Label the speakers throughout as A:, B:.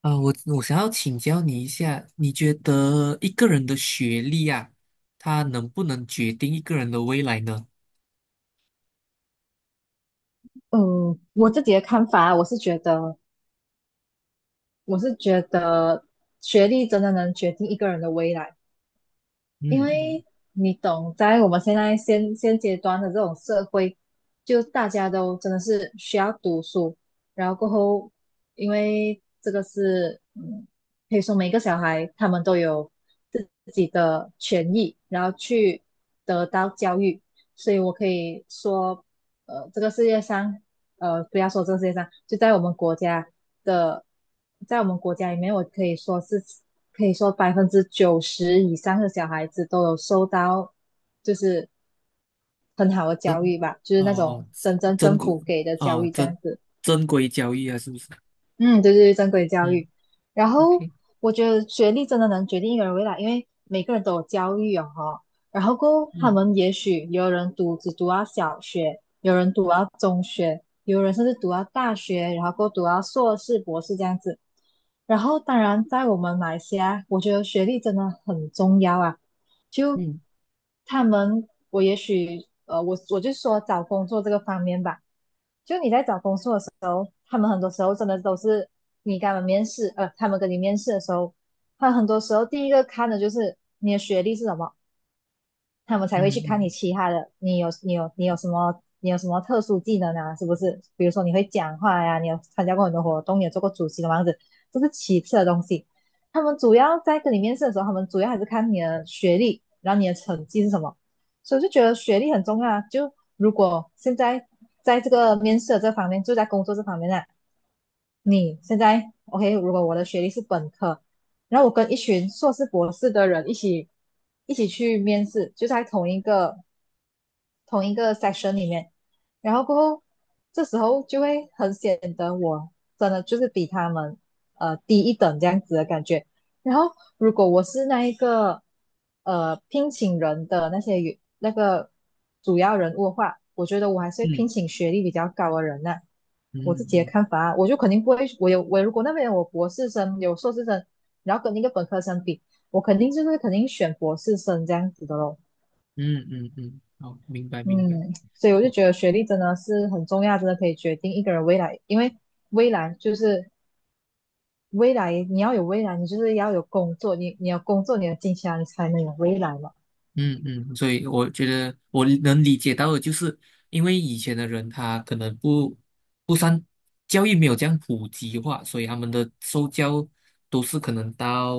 A: 啊、我想要请教你一下，你觉得一个人的学历啊，他能不能决定一个人的未来呢？
B: 嗯，我自己的看法啊，我是觉得学历真的能决定一个人的未来。因
A: 嗯嗯，
B: 为你懂，在我们现在现现阶段的这种社会，就大家都真的是需要读书，然后过后，因为这个是，嗯，可以说每个小孩他们都有自己的权益，然后去得到教育，所以我可以说，这个世界上，不要说这个世界上，就在我们国家的，在我们国家里面，我可以说是。可以说90%以上的小孩子都有受到就是很好的教育吧，就是
A: 哦，
B: 那种
A: 哦，
B: 真正
A: 真
B: 政
A: 规
B: 府给的教
A: 哦，
B: 育这样
A: 真
B: 子。
A: 真规交易啊，是不是？
B: 嗯，对对对，正规教
A: 嗯
B: 育。然后
A: ，OK,
B: 我觉得学历真的能决定一个人未来，因为每个人都有教育哦吼。然后过后他们
A: 嗯
B: 也许有人读只读到小学，有人读到中学，有人甚至读到大学，然后过后读到硕士、博士这样子。然后当然，在我们马来西亚，我觉得学历真的很重要啊。就
A: 嗯
B: 他们，我也许我就说找工作这个方面吧。就你在找工作的时候。他们很多时候真的都是你跟他们面试，他们跟你面试的时候，他很多时候第一个看的就是你的学历是什么，他们才
A: 嗯
B: 会去看你
A: 嗯
B: 其他的，你有什么特殊技能啊，是不是？比如说你会讲话呀、你有参加过很多活动，你有做过主席的样子，这是其次的东西。他们主要在跟你面试的时候，他们主要还是看你的学历，然后你的成绩是什么。所以就觉得学历很重要啊。就如果现在在这个面试的这方面，就在工作这方面呢。啊你现在 OK，如果我的学历是本科，然后我跟一群硕士、博士的人一起去面试，就在同一个 section 里面，然后过后这时候就会很显得我真的就是比他们低一等这样子的感觉。然后如果我是那一个聘请人的那些那个主要人物的话，我觉得我还是会
A: 嗯
B: 聘请学历比较高的人呢。
A: 嗯
B: 我自己的
A: 嗯
B: 看法啊，我就肯定不会，我如果那边有博士生有硕士生，然后跟那个本科生比，我肯定就是肯定选博士生这样子的咯。
A: 嗯嗯嗯，好，明白明白。
B: 嗯，所以我就觉得学历真的是很重要，真的可以决定一个人未来，因为未来就是未来，你要有未来，你就是要有工作，你要工作，你要金钱啊，你才能有未来嘛。
A: 嗯嗯，所以我觉得我能理解到的，就是因为以前的人他可能不善教育没有这样普及化，所以他们的受教都是可能到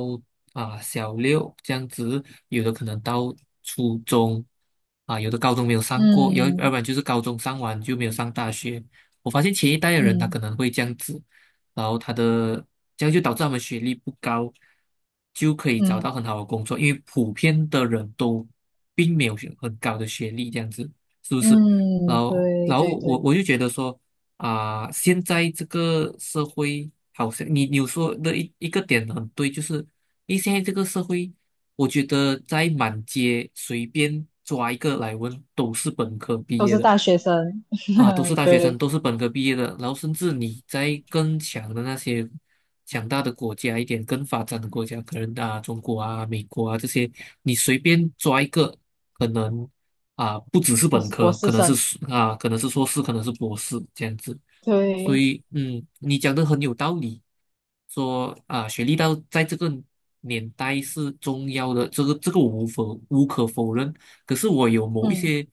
A: 啊、小六这样子，有的可能到初中啊、有的高中没有上过，要
B: 嗯
A: 不然就是高中上完就没有上大学。我发现前一代的人他可
B: 嗯
A: 能会这样子，然后他的这样就导致他们学历不高，就可以找
B: 嗯
A: 到很好的工作，因为普遍的人都并没有学很高的学历，这样子是不是？然
B: 嗯，
A: 后，
B: 对
A: 然后
B: 对
A: 我
B: 对，
A: 我就觉得说啊、现在这个社会好像你说的一个点很对，就是因为现在这个社会，我觉得在满街随便抓一个来问都是本科毕
B: 都
A: 业
B: 是
A: 的。
B: 大学生，
A: 啊，都是 大学生，
B: 对，
A: 都是本科毕业的，然后甚至你在更强的那些强大的国家一点，更发展的国家，可能啊中国啊、美国啊这些，你随便抓一个，可能啊不只是
B: 都
A: 本
B: 是博
A: 科，
B: 士
A: 可能是
B: 生，
A: 啊可能是硕士，可能是博士这样子。所
B: 对，
A: 以，嗯，你讲的很有道理，说啊学历到在这个年代是重要的，这个这个我无可否认。可是我有某一
B: 嗯
A: 些，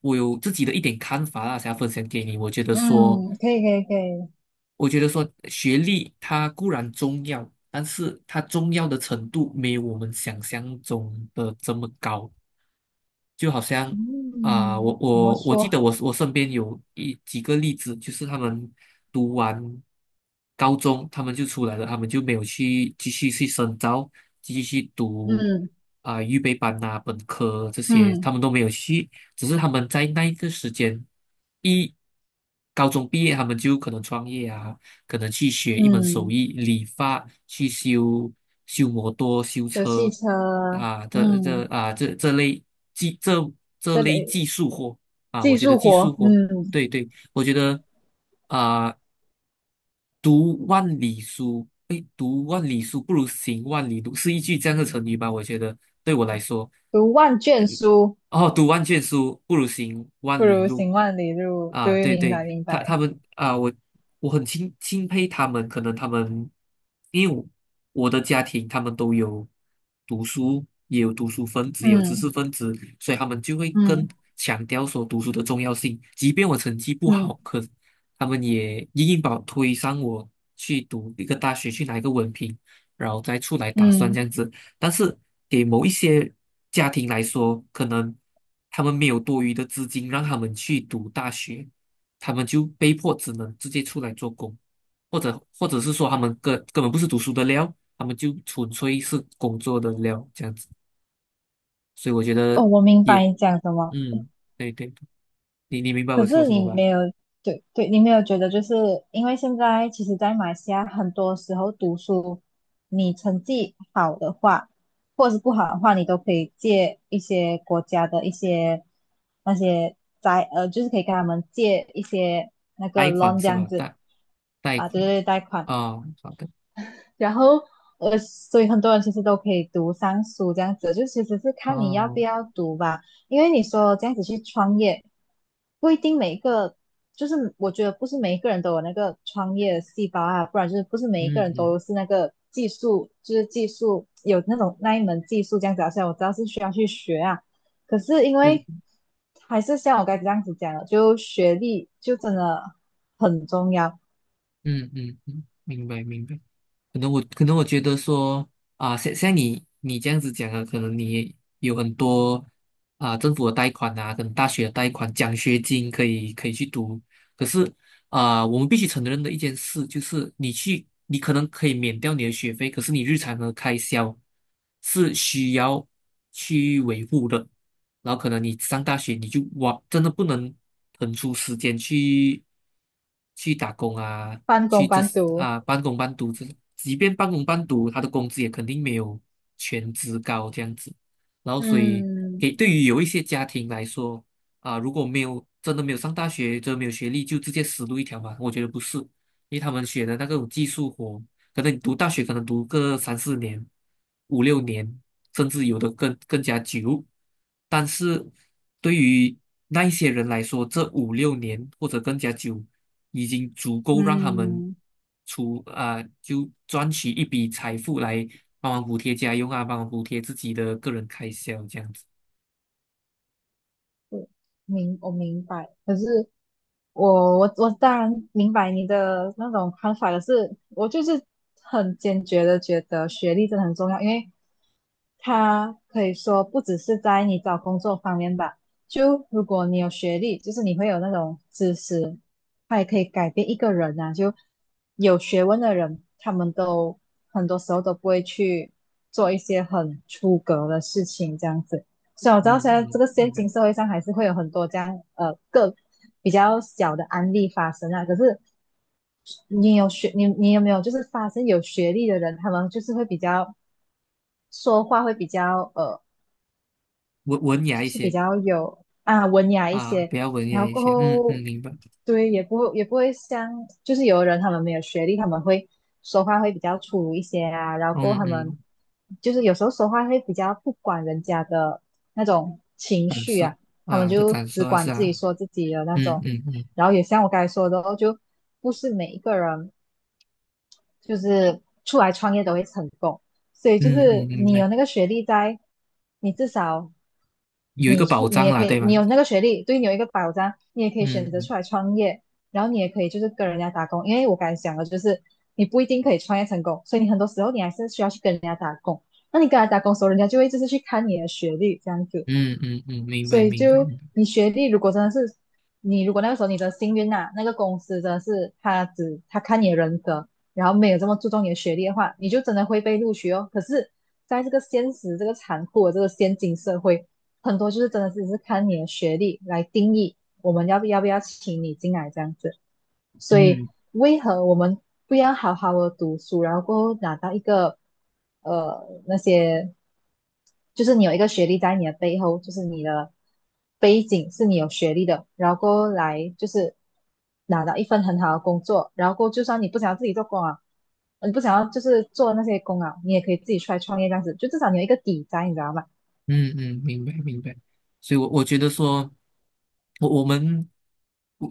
A: 我有自己的一点看法啦，想要分享给你。我觉得说，
B: 嗯，可以可以可以，
A: 我觉得说，学历它固然重要，但是它重要的程度没有我们想象中的这么高。就好像啊、我
B: 嗯，怎么
A: 我我记得
B: 说？
A: 我身边有几个例子，就是他们读完高中，他们就出来了，他们就没有去继续去深造，继续去读
B: 嗯
A: 啊、预备班啊本科这些，他
B: 嗯
A: 们都没有去，只是他们在那一个时间一高中毕业，他们就可能创业啊，可能去学一门手
B: 嗯，
A: 艺，理发，去修摩托、修
B: 有汽
A: 车
B: 车，
A: 啊，这这
B: 嗯，
A: 啊这这类技这这
B: 这
A: 类
B: 里。
A: 技术活啊，我
B: 技
A: 觉得
B: 术
A: 技术
B: 活，
A: 活，
B: 嗯，
A: 对对，我觉得啊，读万里书，哎，读万里书不如行万里路，是一句这样的成语吧？我觉得对我来说。
B: 读万卷
A: 嗯
B: 书
A: 哦，读万卷书不如行万
B: 不
A: 里
B: 如
A: 路
B: 行万里路。
A: 啊！
B: 对，
A: 对
B: 明
A: 对，
B: 白明
A: 他他
B: 白，
A: 们啊，我很钦佩他们，可能他们因为我的家庭，他们都有读书，也有读书分子，也有知
B: 嗯
A: 识分子，所以他们就会更
B: 嗯
A: 强调说读书的重要性。即便我成绩不
B: 嗯
A: 好，可他们也硬把我推上去读一个大学，去拿一个文凭，然后再出来打算这
B: 嗯，
A: 样子。但是给某一些家庭来说，可能他们没有多余的资金让他们去读大学，他们就被迫只能直接出来做工，或者是说他们根本不是读书的料，他们就纯粹是工作的料这样子。所以我觉
B: 哦，
A: 得
B: 我明
A: 也
B: 白你讲什么。
A: 嗯，对对，你明白我
B: 可
A: 说
B: 是
A: 什么
B: 你
A: 吧？
B: 没有，对对，你没有觉得就是因为现在其实，在马来西亚很多时候读书，你成绩好的话，或者是不好的话，你都可以借一些国家的一些那些债，就是可以跟他们借一些那
A: 贷
B: 个
A: 款
B: loan 这
A: 是
B: 样
A: 吧？
B: 子
A: 贷贷
B: 啊，对对
A: 款
B: 对贷款。
A: 啊，哦好的
B: 然后所以很多人其实都可以读上书这样子，就其实是看你要不
A: 哦，
B: 要读吧。因为你说这样子去创业，不一定每一个，就是我觉得不是每一个人都有那个创业的细胞啊，不然就是不是
A: 嗯
B: 每一个人
A: 嗯，
B: 都是那个技术，就是技术有那种那一门技术这样子啊。虽然我知道是需要去学啊，可是因
A: 对，
B: 为还是像我刚才这样子讲的，就学历就真的很重要，
A: 嗯嗯嗯，嗯嗯嗯嗯明白明白。可能我可能我觉得说啊，像像你这样子讲啊，可能你有很多啊政府的贷款啊，跟大学的贷款、奖学金可以可以去读。可是啊，我们必须承认的一件事就是，你去你可能可以免掉你的学费，可是你日常的开销是需要去维护的。然后可能你上大学你就哇，真的不能腾出时间去打工啊，
B: 半
A: 去
B: 工
A: 这
B: 半读。
A: 啊半工半读这，即便半工半读，他的工资也肯定没有全职高这样子。然后所以
B: 嗯，
A: 给对于有一些家庭来说啊，如果没有真的没有上大学，真的没有学历，就直接死路一条嘛，我觉得不是，因为他们学的那个技术活。可能你读大学可能读个三四年、五六年，甚至有的更加久。但是对于那一些人来说，这五六年或者更加久，已经足够让他们
B: 嗯，
A: 出啊、就赚取一笔财富来帮忙补贴家用啊，帮忙补贴自己的个人开销这样子。
B: 我我明白，可是我当然明白你的那种看法，可是我就是很坚决的觉得学历真的很重要，因为他可以说不只是在你找工作方面吧，就如果你有学历，就是你会有那种知识，他也可以改变一个人啊，就有学问的人，他们都很多时候都不会去做一些很出格的事情，这样子。所以我知道
A: 嗯
B: 现在这
A: 嗯，
B: 个现
A: 明白。
B: 今社会上还是会有很多这样个比较小的案例发生啊。可是你有没有就是发生有学历的人，他们就是会比较说话会比较
A: 文雅一些
B: 啊文雅一
A: 啊，
B: 些，
A: 比较文
B: 然
A: 雅
B: 后
A: 一
B: 过
A: 些。嗯嗯，
B: 后
A: 明白。
B: 对也不会像就是有的人他们没有学历，他们会说话会比较粗鲁一些啊，然后过
A: 嗯
B: 后他们
A: 嗯，
B: 就是有时候说话会比较不管人家的那种情
A: 感
B: 绪
A: 受
B: 啊，他们
A: 啊的
B: 就
A: 感
B: 只
A: 受啊是
B: 管自己
A: 啊。
B: 说自己的那
A: 嗯
B: 种，
A: 嗯嗯。
B: 然后也像我刚才说的哦，就不是每一个人就是出来创业都会成功，所以就
A: 嗯嗯嗯，
B: 是
A: 明
B: 你
A: 白，
B: 有那个学历在，你至少。
A: 有一个
B: 你出
A: 保
B: 你
A: 障
B: 也
A: 啦，
B: 可
A: 对
B: 以，你
A: 吗？
B: 有那个学历，对你有一个保障，你也可以选择
A: 嗯
B: 出来创业，然后你也可以就是跟人家打工，因为我刚才讲了，就是你不一定可以创业成功，所以你很多时候你还是需要去跟人家打工。那你跟人家打工的时候，人家就会就是去看你的学历这样子。
A: 嗯嗯嗯，明
B: 所
A: 白
B: 以
A: 明白
B: 就
A: 明白，
B: 你学历如果真的是你如果那个时候你的幸运呐、那个公司真的是他看你的人格，然后没有这么注重你的学历的话，你就真的会被录取哦。可是，在这个现实这个残酷的这个现今社会，很多就是真的只是看你的学历来定义我们要不要请你进来这样子。所以
A: 嗯
B: 为何我们不要好好的读书，然后过后拿到一个那些，就是你有一个学历在你的背后，就是你的背景是你有学历的，然后过后来就是拿到一份很好的工作，然后过后就算你不想要自己做工啊，你不想要就是做那些工啊，你也可以自己出来创业这样子，就至少你有一个底在，你知道吗？
A: 嗯嗯，明白明白。所以我，我觉得说，我们，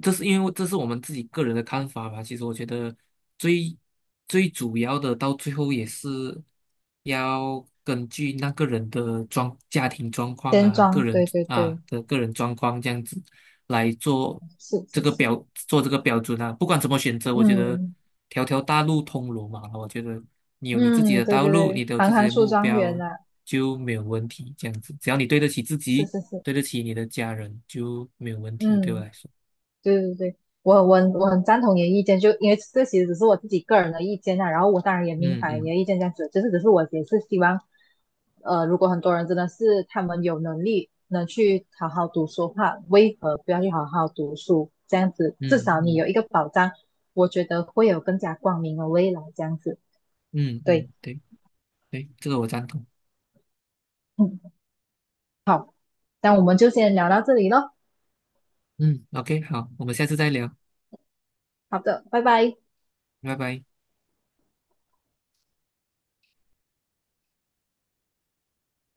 A: 这是因为这是我们自己个人的看法吧。其实，我觉得最最主要的，到最后也是要根据那个人的家庭状况
B: 先
A: 啊，
B: 装，对对对，
A: 个人状况这样子。来做
B: 是
A: 这
B: 是
A: 个
B: 是，
A: 标做这个标准啊。不管怎么选择，我觉得
B: 嗯
A: 条条大路通罗马了。我觉得你有你自己
B: 嗯，
A: 的
B: 对
A: 道
B: 对
A: 路，你
B: 对，
A: 都有
B: 行
A: 自己
B: 行
A: 的
B: 出
A: 目
B: 状元
A: 标，
B: 啊，
A: 就没有问题。这样子，只要你对得起自
B: 是
A: 己，
B: 是是。
A: 对得起你的家人，就没有问题。对我
B: 嗯，
A: 来说，
B: 对对对，我很赞同你的意见，就因为这其实只是我自己个人的意见啊，然后我当然也明
A: 嗯
B: 白你
A: 嗯
B: 的意见这样子，就是只是我也是希望，如果很多人真的是他们有能力能去好好读书的话，为何不要去好好读书？这样子至
A: 嗯
B: 少你有
A: 嗯
B: 一个保障，我觉得会有更加光明的未来这样子。
A: 嗯嗯，
B: 对，
A: 对对，这个我赞同。
B: 嗯，好，那我们就先聊到这里咯。
A: 嗯，OK,好，我们下次再聊，
B: 好的，拜拜。
A: 拜拜。